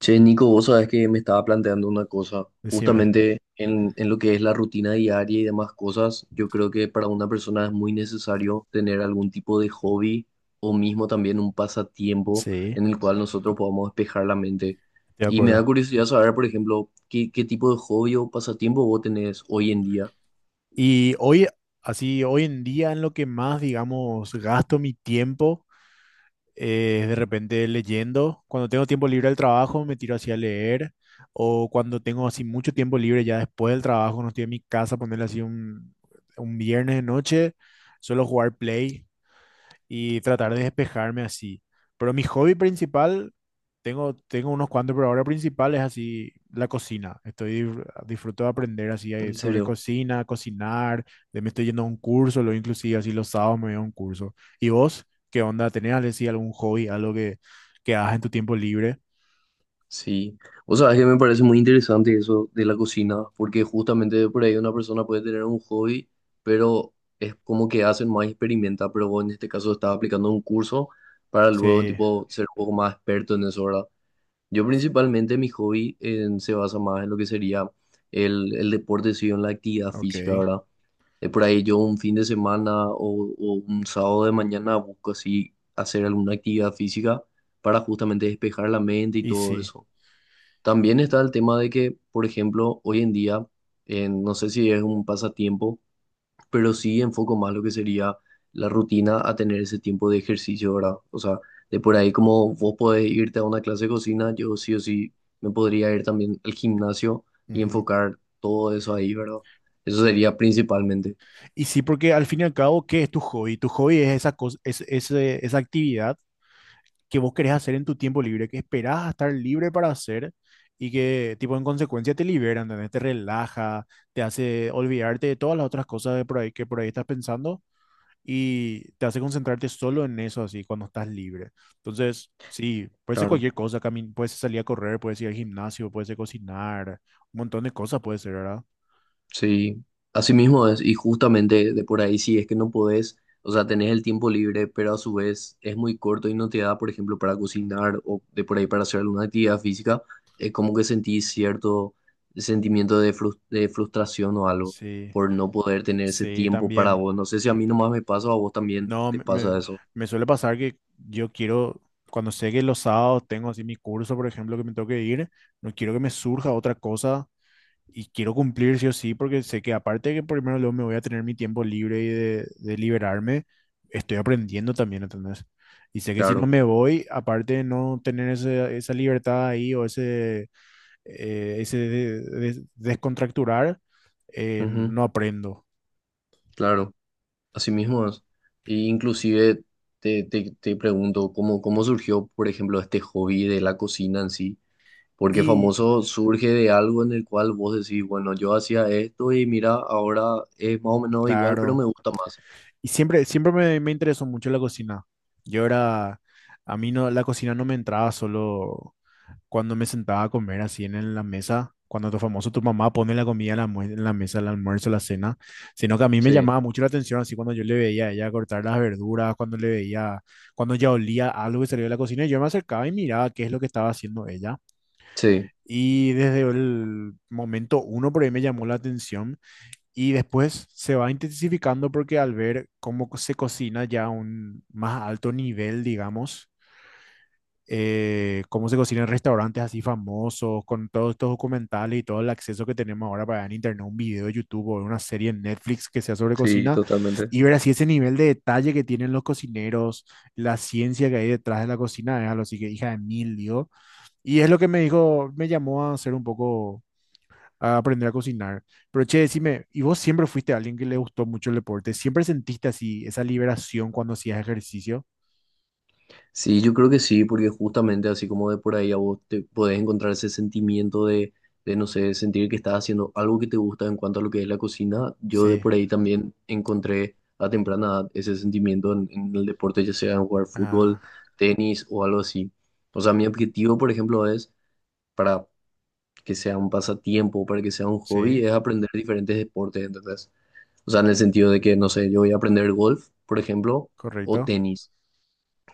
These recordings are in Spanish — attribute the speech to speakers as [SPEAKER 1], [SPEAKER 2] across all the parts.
[SPEAKER 1] Che, Nico, vos sabés que me estaba planteando una cosa,
[SPEAKER 2] Decime.
[SPEAKER 1] justamente en lo que es la rutina diaria y demás cosas, yo creo que para una persona es muy necesario tener algún tipo de hobby o mismo también un pasatiempo
[SPEAKER 2] Sí,
[SPEAKER 1] en el
[SPEAKER 2] estoy
[SPEAKER 1] cual nosotros podamos despejar la mente.
[SPEAKER 2] de
[SPEAKER 1] Y me
[SPEAKER 2] acuerdo.
[SPEAKER 1] da curiosidad saber, por ejemplo, qué tipo de hobby o pasatiempo vos tenés hoy en día.
[SPEAKER 2] Y hoy, así, hoy en día en lo que más, digamos, gasto mi tiempo es de repente leyendo. Cuando tengo tiempo libre del trabajo, me tiro así a leer. O cuando tengo así mucho tiempo libre ya después del trabajo, no estoy en mi casa, ponerle así un viernes de noche, suelo jugar Play, y tratar de despejarme así. Pero mi hobby principal, tengo unos cuantos, pero ahora principal es así la cocina. Estoy, disfruto de aprender así
[SPEAKER 1] En
[SPEAKER 2] sobre
[SPEAKER 1] serio.
[SPEAKER 2] cocina, cocinar, de me estoy yendo a un curso, lo inclusive así los sábados me voy a un curso. ¿Y vos qué onda? ¿Tenés así algún hobby, algo que hagas en tu tiempo libre?
[SPEAKER 1] Sí, o sea, es que me parece muy interesante eso de la cocina, porque justamente por ahí una persona puede tener un hobby, pero es como que hacen más experimenta, pero vos en este caso estás aplicando un curso para luego
[SPEAKER 2] Sí,
[SPEAKER 1] tipo ser un poco más experto en eso, ¿verdad? Yo principalmente mi hobby se basa más en lo que sería el deporte, sí, en la actividad física,
[SPEAKER 2] ok.
[SPEAKER 1] ¿verdad? Por ahí yo un fin de semana o un sábado de mañana busco así hacer alguna actividad física para justamente despejar la mente y
[SPEAKER 2] Y
[SPEAKER 1] todo
[SPEAKER 2] sí.
[SPEAKER 1] eso.
[SPEAKER 2] y-
[SPEAKER 1] También está el tema de que, por ejemplo, hoy en día, no sé si es un pasatiempo, pero sí enfoco más lo que sería la rutina a tener ese tiempo de ejercicio, ¿verdad? O sea, de por ahí como vos podés irte a una clase de cocina, yo sí o sí me podría ir también al gimnasio y
[SPEAKER 2] Ujú.
[SPEAKER 1] enfocar todo eso ahí, ¿verdad? Eso sería principalmente,
[SPEAKER 2] Y sí, porque al fin y al cabo, ¿qué es tu hobby? Tu hobby es esa cosa, es, esa actividad que vos querés hacer en tu tiempo libre, que esperás a estar libre para hacer y que, tipo, en consecuencia te liberan, ¿entendés? Te relaja, te hace olvidarte de todas las otras cosas de por ahí, que por ahí estás pensando y te hace concentrarte solo en eso, así, cuando estás libre. Entonces, sí, puede ser
[SPEAKER 1] claro.
[SPEAKER 2] cualquier cosa, puede ser salir a correr, puede ser ir al gimnasio, puede ser cocinar, un montón de cosas puede ser, ¿verdad?
[SPEAKER 1] Sí, así mismo es, y justamente de por ahí sí es que no podés, o sea, tenés el tiempo libre, pero a su vez es muy corto y no te da, por ejemplo, para cocinar o de por ahí para hacer alguna actividad física, es como que sentís cierto sentimiento de, de frustración o algo
[SPEAKER 2] Sí,
[SPEAKER 1] por no poder tener ese
[SPEAKER 2] sí,
[SPEAKER 1] tiempo para
[SPEAKER 2] también.
[SPEAKER 1] vos. No sé si a mí nomás me pasa o a vos también
[SPEAKER 2] No,
[SPEAKER 1] te pasa eso.
[SPEAKER 2] me suele pasar que yo quiero, cuando sé que los sábados tengo así mi curso, por ejemplo, que me tengo que ir, no quiero que me surja otra cosa y quiero cumplir sí o sí, porque sé que aparte de que primero luego me voy a tener mi tiempo libre y de liberarme, estoy aprendiendo también, ¿entendés? Y sé que si no
[SPEAKER 1] Claro,
[SPEAKER 2] me voy, aparte de no tener esa libertad ahí o ese, ese descontracturar,
[SPEAKER 1] ujú,
[SPEAKER 2] no aprendo.
[SPEAKER 1] claro, así mismo es. Y inclusive te pregunto, ¿cómo surgió, por ejemplo, este hobby de la cocina en sí? Porque
[SPEAKER 2] Y
[SPEAKER 1] famoso surge de algo en el cual vos decís, bueno, yo hacía esto y mira, ahora es más o menos igual, pero
[SPEAKER 2] claro.
[SPEAKER 1] me gusta más.
[SPEAKER 2] Y siempre, siempre me interesó mucho la cocina. Yo era, a mí no, la cocina no me entraba solo cuando me sentaba a comer así en la mesa, cuando tu famoso, tu mamá pone la comida en la, en la mesa, el almuerzo, la cena, sino que a mí me
[SPEAKER 1] Sí,
[SPEAKER 2] llamaba mucho la atención así cuando yo le veía a ella cortar las verduras, cuando le veía, cuando ya olía algo que salió de la cocina, yo me acercaba y miraba qué es lo que estaba haciendo ella.
[SPEAKER 1] sí,
[SPEAKER 2] Y desde el momento uno por ahí me llamó la atención y después se va intensificando porque al ver cómo se cocina ya a un más alto nivel, digamos, cómo se cocina en restaurantes así famosos, con todos estos documentales y todo el acceso que tenemos ahora para ver en internet un video de YouTube o una serie en Netflix que sea sobre
[SPEAKER 1] sí,
[SPEAKER 2] cocina,
[SPEAKER 1] totalmente.
[SPEAKER 2] y ver así ese nivel de detalle que tienen los cocineros, la ciencia que hay detrás de la cocina, es algo así que hija de mil, digo. Y es lo que me dijo, me llamó a ser un poco a aprender a cocinar. Pero che, decime, ¿y vos siempre fuiste alguien que le gustó mucho el deporte? ¿Siempre sentiste así esa liberación cuando hacías ejercicio?
[SPEAKER 1] Sí, yo creo que sí, porque justamente así como de por ahí a vos te podés encontrar ese sentimiento de, no sé, sentir que estás haciendo algo que te gusta en cuanto a lo que es la cocina, yo de
[SPEAKER 2] Sí,
[SPEAKER 1] por ahí también encontré a temprana edad ese sentimiento en el deporte, ya sea en jugar fútbol,
[SPEAKER 2] ah,
[SPEAKER 1] tenis o algo así. O sea, mi objetivo, por ejemplo, es para que sea un pasatiempo, para que sea un
[SPEAKER 2] sí,
[SPEAKER 1] hobby, es aprender diferentes deportes, ¿entendés? O sea, en el sentido de que, no sé, yo voy a aprender golf, por ejemplo, o
[SPEAKER 2] correcto.
[SPEAKER 1] tenis,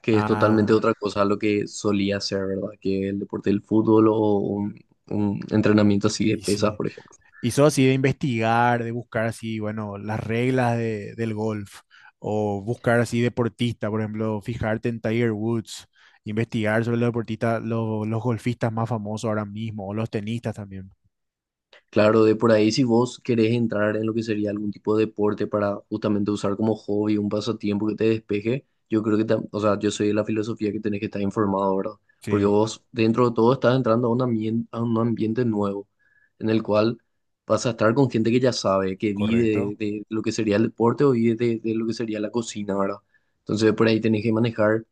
[SPEAKER 1] que es totalmente
[SPEAKER 2] Ah,
[SPEAKER 1] otra cosa a lo que solía hacer, ¿verdad? Que el deporte del fútbol o un entrenamiento así de
[SPEAKER 2] y
[SPEAKER 1] pesas,
[SPEAKER 2] sí.
[SPEAKER 1] por ejemplo.
[SPEAKER 2] ¿Y sos así de investigar, de buscar así, bueno, las reglas del golf? O buscar así deportista, por ejemplo, fijarte en Tiger Woods, investigar sobre los deportistas, los golfistas más famosos ahora mismo, o los tenistas también.
[SPEAKER 1] Claro, de por ahí si vos querés entrar en lo que sería algún tipo de deporte para justamente usar como hobby, un pasatiempo que te despeje, yo creo que, o sea, yo soy de la filosofía que tenés que estar informado, ¿verdad? Porque
[SPEAKER 2] Sí,
[SPEAKER 1] vos dentro de todo estás entrando a un ambiente nuevo, en el cual vas a estar con gente que ya sabe, que vive de,
[SPEAKER 2] correcto.
[SPEAKER 1] de lo que sería el deporte o vive de lo que sería la cocina, ¿verdad? Entonces por ahí tenés que manejar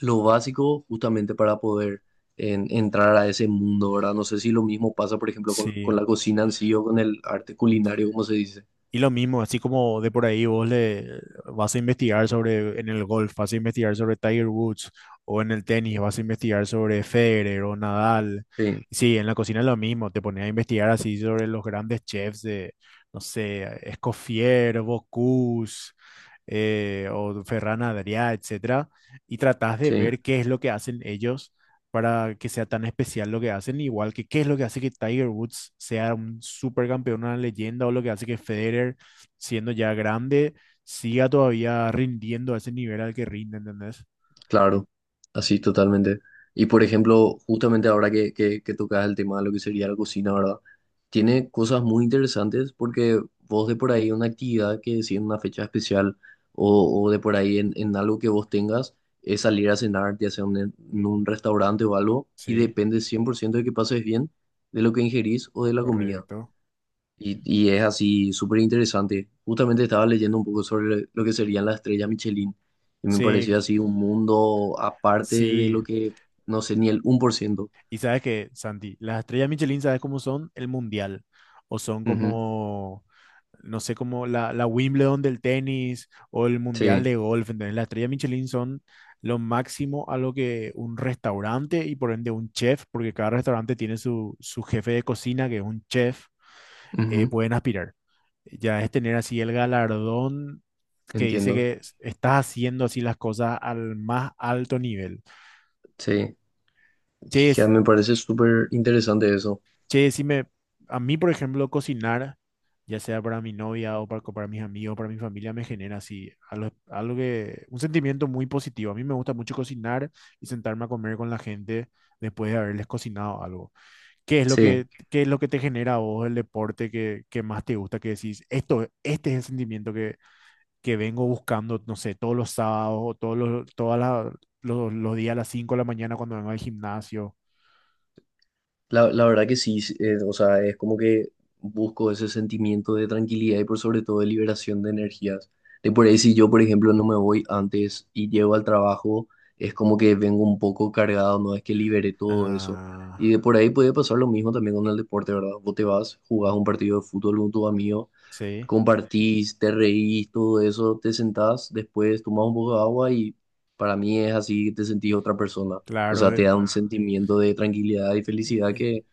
[SPEAKER 1] lo básico justamente para poder entrar a ese mundo, ¿verdad? No sé si lo mismo pasa, por ejemplo, con la
[SPEAKER 2] Sí.
[SPEAKER 1] cocina en sí o con el arte culinario, como se dice.
[SPEAKER 2] Y lo mismo, así como de por ahí vos le vas a investigar sobre en el golf, vas a investigar sobre Tiger Woods o en el tenis, vas a investigar sobre Federer o Nadal.
[SPEAKER 1] Sí,
[SPEAKER 2] Sí, en la cocina es lo mismo, te pones a investigar así sobre los grandes chefs de, no sé, Escoffier, Bocuse, o Ferran Adrià, etcétera, y tratás de
[SPEAKER 1] sí.
[SPEAKER 2] ver qué es lo que hacen ellos para que sea tan especial lo que hacen, igual que qué es lo que hace que Tiger Woods sea un supercampeón, una leyenda, o lo que hace que Federer, siendo ya grande, siga todavía rindiendo a ese nivel al que rinde, ¿entendés?
[SPEAKER 1] Claro, así totalmente. Y por ejemplo, justamente ahora que, que tocas el tema de lo que sería la cocina, ¿verdad? Tiene cosas muy interesantes porque vos de por ahí una actividad que si en una fecha especial o de por ahí en algo que vos tengas es salir a cenar, ya sea en un restaurante o algo, y
[SPEAKER 2] Sí,
[SPEAKER 1] depende 100% de que pases bien, de lo que ingerís o de la comida.
[SPEAKER 2] correcto.
[SPEAKER 1] Y es así súper interesante. Justamente estaba leyendo un poco sobre lo que serían las estrellas Michelin y me pareció
[SPEAKER 2] Sí,
[SPEAKER 1] así un mundo aparte de
[SPEAKER 2] sí,
[SPEAKER 1] lo que, no sé, ni el 1%.
[SPEAKER 2] y sabes que, Santi, las estrellas Michelin, ¿sabes cómo son? El mundial. O son
[SPEAKER 1] Ujú,
[SPEAKER 2] como, no sé, como la Wimbledon del tenis o el mundial
[SPEAKER 1] sí,
[SPEAKER 2] de golf. ¿Entendés? Las estrellas Michelin son lo máximo a lo que un restaurante y por ende un chef, porque cada restaurante tiene su jefe de cocina, que es un chef,
[SPEAKER 1] ujú,
[SPEAKER 2] pueden aspirar. Ya es tener así el galardón que dice
[SPEAKER 1] entiendo.
[SPEAKER 2] que estás haciendo así las cosas al más alto nivel.
[SPEAKER 1] Sí, sí,
[SPEAKER 2] Che,
[SPEAKER 1] ya me parece súper interesante eso.
[SPEAKER 2] Che, si me, a mí, por ejemplo, cocinar, ya sea para mi novia o para, para mis amigos, para mi familia, me genera así algo, algo que, un sentimiento muy positivo. A mí me gusta mucho cocinar y sentarme a comer con la gente después de haberles cocinado algo. ¿Qué es lo
[SPEAKER 1] Sí.
[SPEAKER 2] que, qué es lo que te genera a vos el deporte que más te gusta? Que decís, esto, este es el sentimiento que vengo buscando, no sé, todos los sábados o todos los, los días a las 5 de la mañana cuando vengo al gimnasio.
[SPEAKER 1] La verdad que sí, sí, o sea, es como que busco ese sentimiento de tranquilidad y por sobre todo de liberación de energías. De por ahí si yo, por ejemplo, no me voy antes y llego al trabajo, es como que vengo un poco cargado, no es que libere todo eso. Y
[SPEAKER 2] Ah,
[SPEAKER 1] de por ahí puede pasar lo mismo también con el deporte, ¿verdad? Vos te vas, jugás un partido de fútbol con tu amigo
[SPEAKER 2] sí.
[SPEAKER 1] compartís, te reís, todo eso, te sentás, después tomás un poco de agua y para mí es así que te sentís otra persona. O sea,
[SPEAKER 2] Claro,
[SPEAKER 1] te da un sentimiento de tranquilidad y
[SPEAKER 2] Eh,
[SPEAKER 1] felicidad
[SPEAKER 2] eh,
[SPEAKER 1] que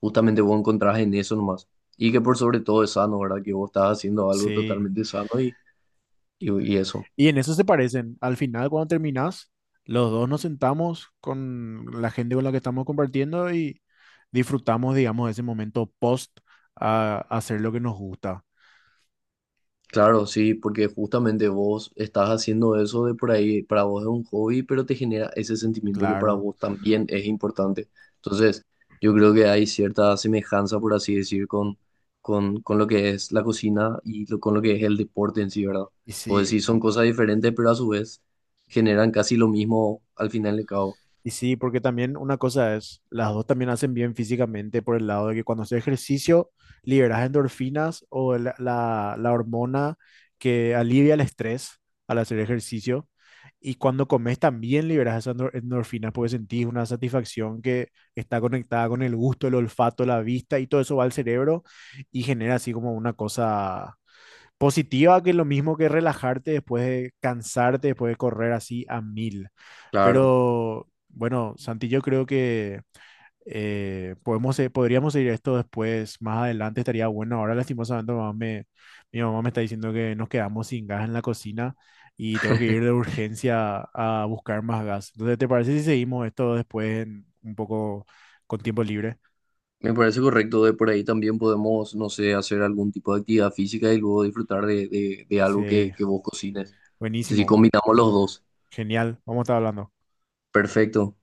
[SPEAKER 1] justamente vos encontrás en eso nomás. Y que por sobre todo es sano, ¿verdad? Que vos estás haciendo algo
[SPEAKER 2] sí.
[SPEAKER 1] totalmente sano y eso.
[SPEAKER 2] Y en eso se parecen. Al final, cuando terminás, los dos nos sentamos con la gente con la que estamos compartiendo y disfrutamos, digamos, ese momento post a hacer lo que nos gusta.
[SPEAKER 1] Claro, sí, porque justamente vos estás haciendo eso de por ahí, para vos es un hobby, pero te genera ese sentimiento que para
[SPEAKER 2] Claro.
[SPEAKER 1] vos también es importante. Entonces, yo creo que hay cierta semejanza, por así decir, con lo que es la cocina y con lo que es el deporte en sí, ¿verdad?
[SPEAKER 2] Y
[SPEAKER 1] Pues
[SPEAKER 2] sí,
[SPEAKER 1] sí, son cosas diferentes, pero a su vez generan casi lo mismo al final de cabo.
[SPEAKER 2] y sí, porque también una cosa es, las dos también hacen bien físicamente por el lado de que cuando haces ejercicio liberas endorfinas o la hormona que alivia el estrés al hacer ejercicio. Y cuando comes también liberas esas endorfinas porque sentís una satisfacción que está conectada con el gusto, el olfato, la vista y todo eso va al cerebro y genera así como una cosa positiva que es lo mismo que relajarte después de cansarte, después de correr así a mil.
[SPEAKER 1] Claro.
[SPEAKER 2] Pero bueno, Santi, yo creo que podemos, podríamos seguir esto después, más adelante estaría bueno. Ahora lastimosamente mi mamá me está diciendo que nos quedamos sin gas en la cocina y tengo que ir de urgencia a buscar más gas. Entonces, ¿te parece si seguimos esto después un poco con tiempo libre?
[SPEAKER 1] Me parece correcto, de por ahí también podemos, no sé, hacer algún tipo de actividad física y luego disfrutar de, de algo
[SPEAKER 2] Sí,
[SPEAKER 1] que vos cocines. Entonces, si
[SPEAKER 2] buenísimo,
[SPEAKER 1] combinamos los dos,
[SPEAKER 2] genial, vamos a estar hablando.
[SPEAKER 1] perfecto.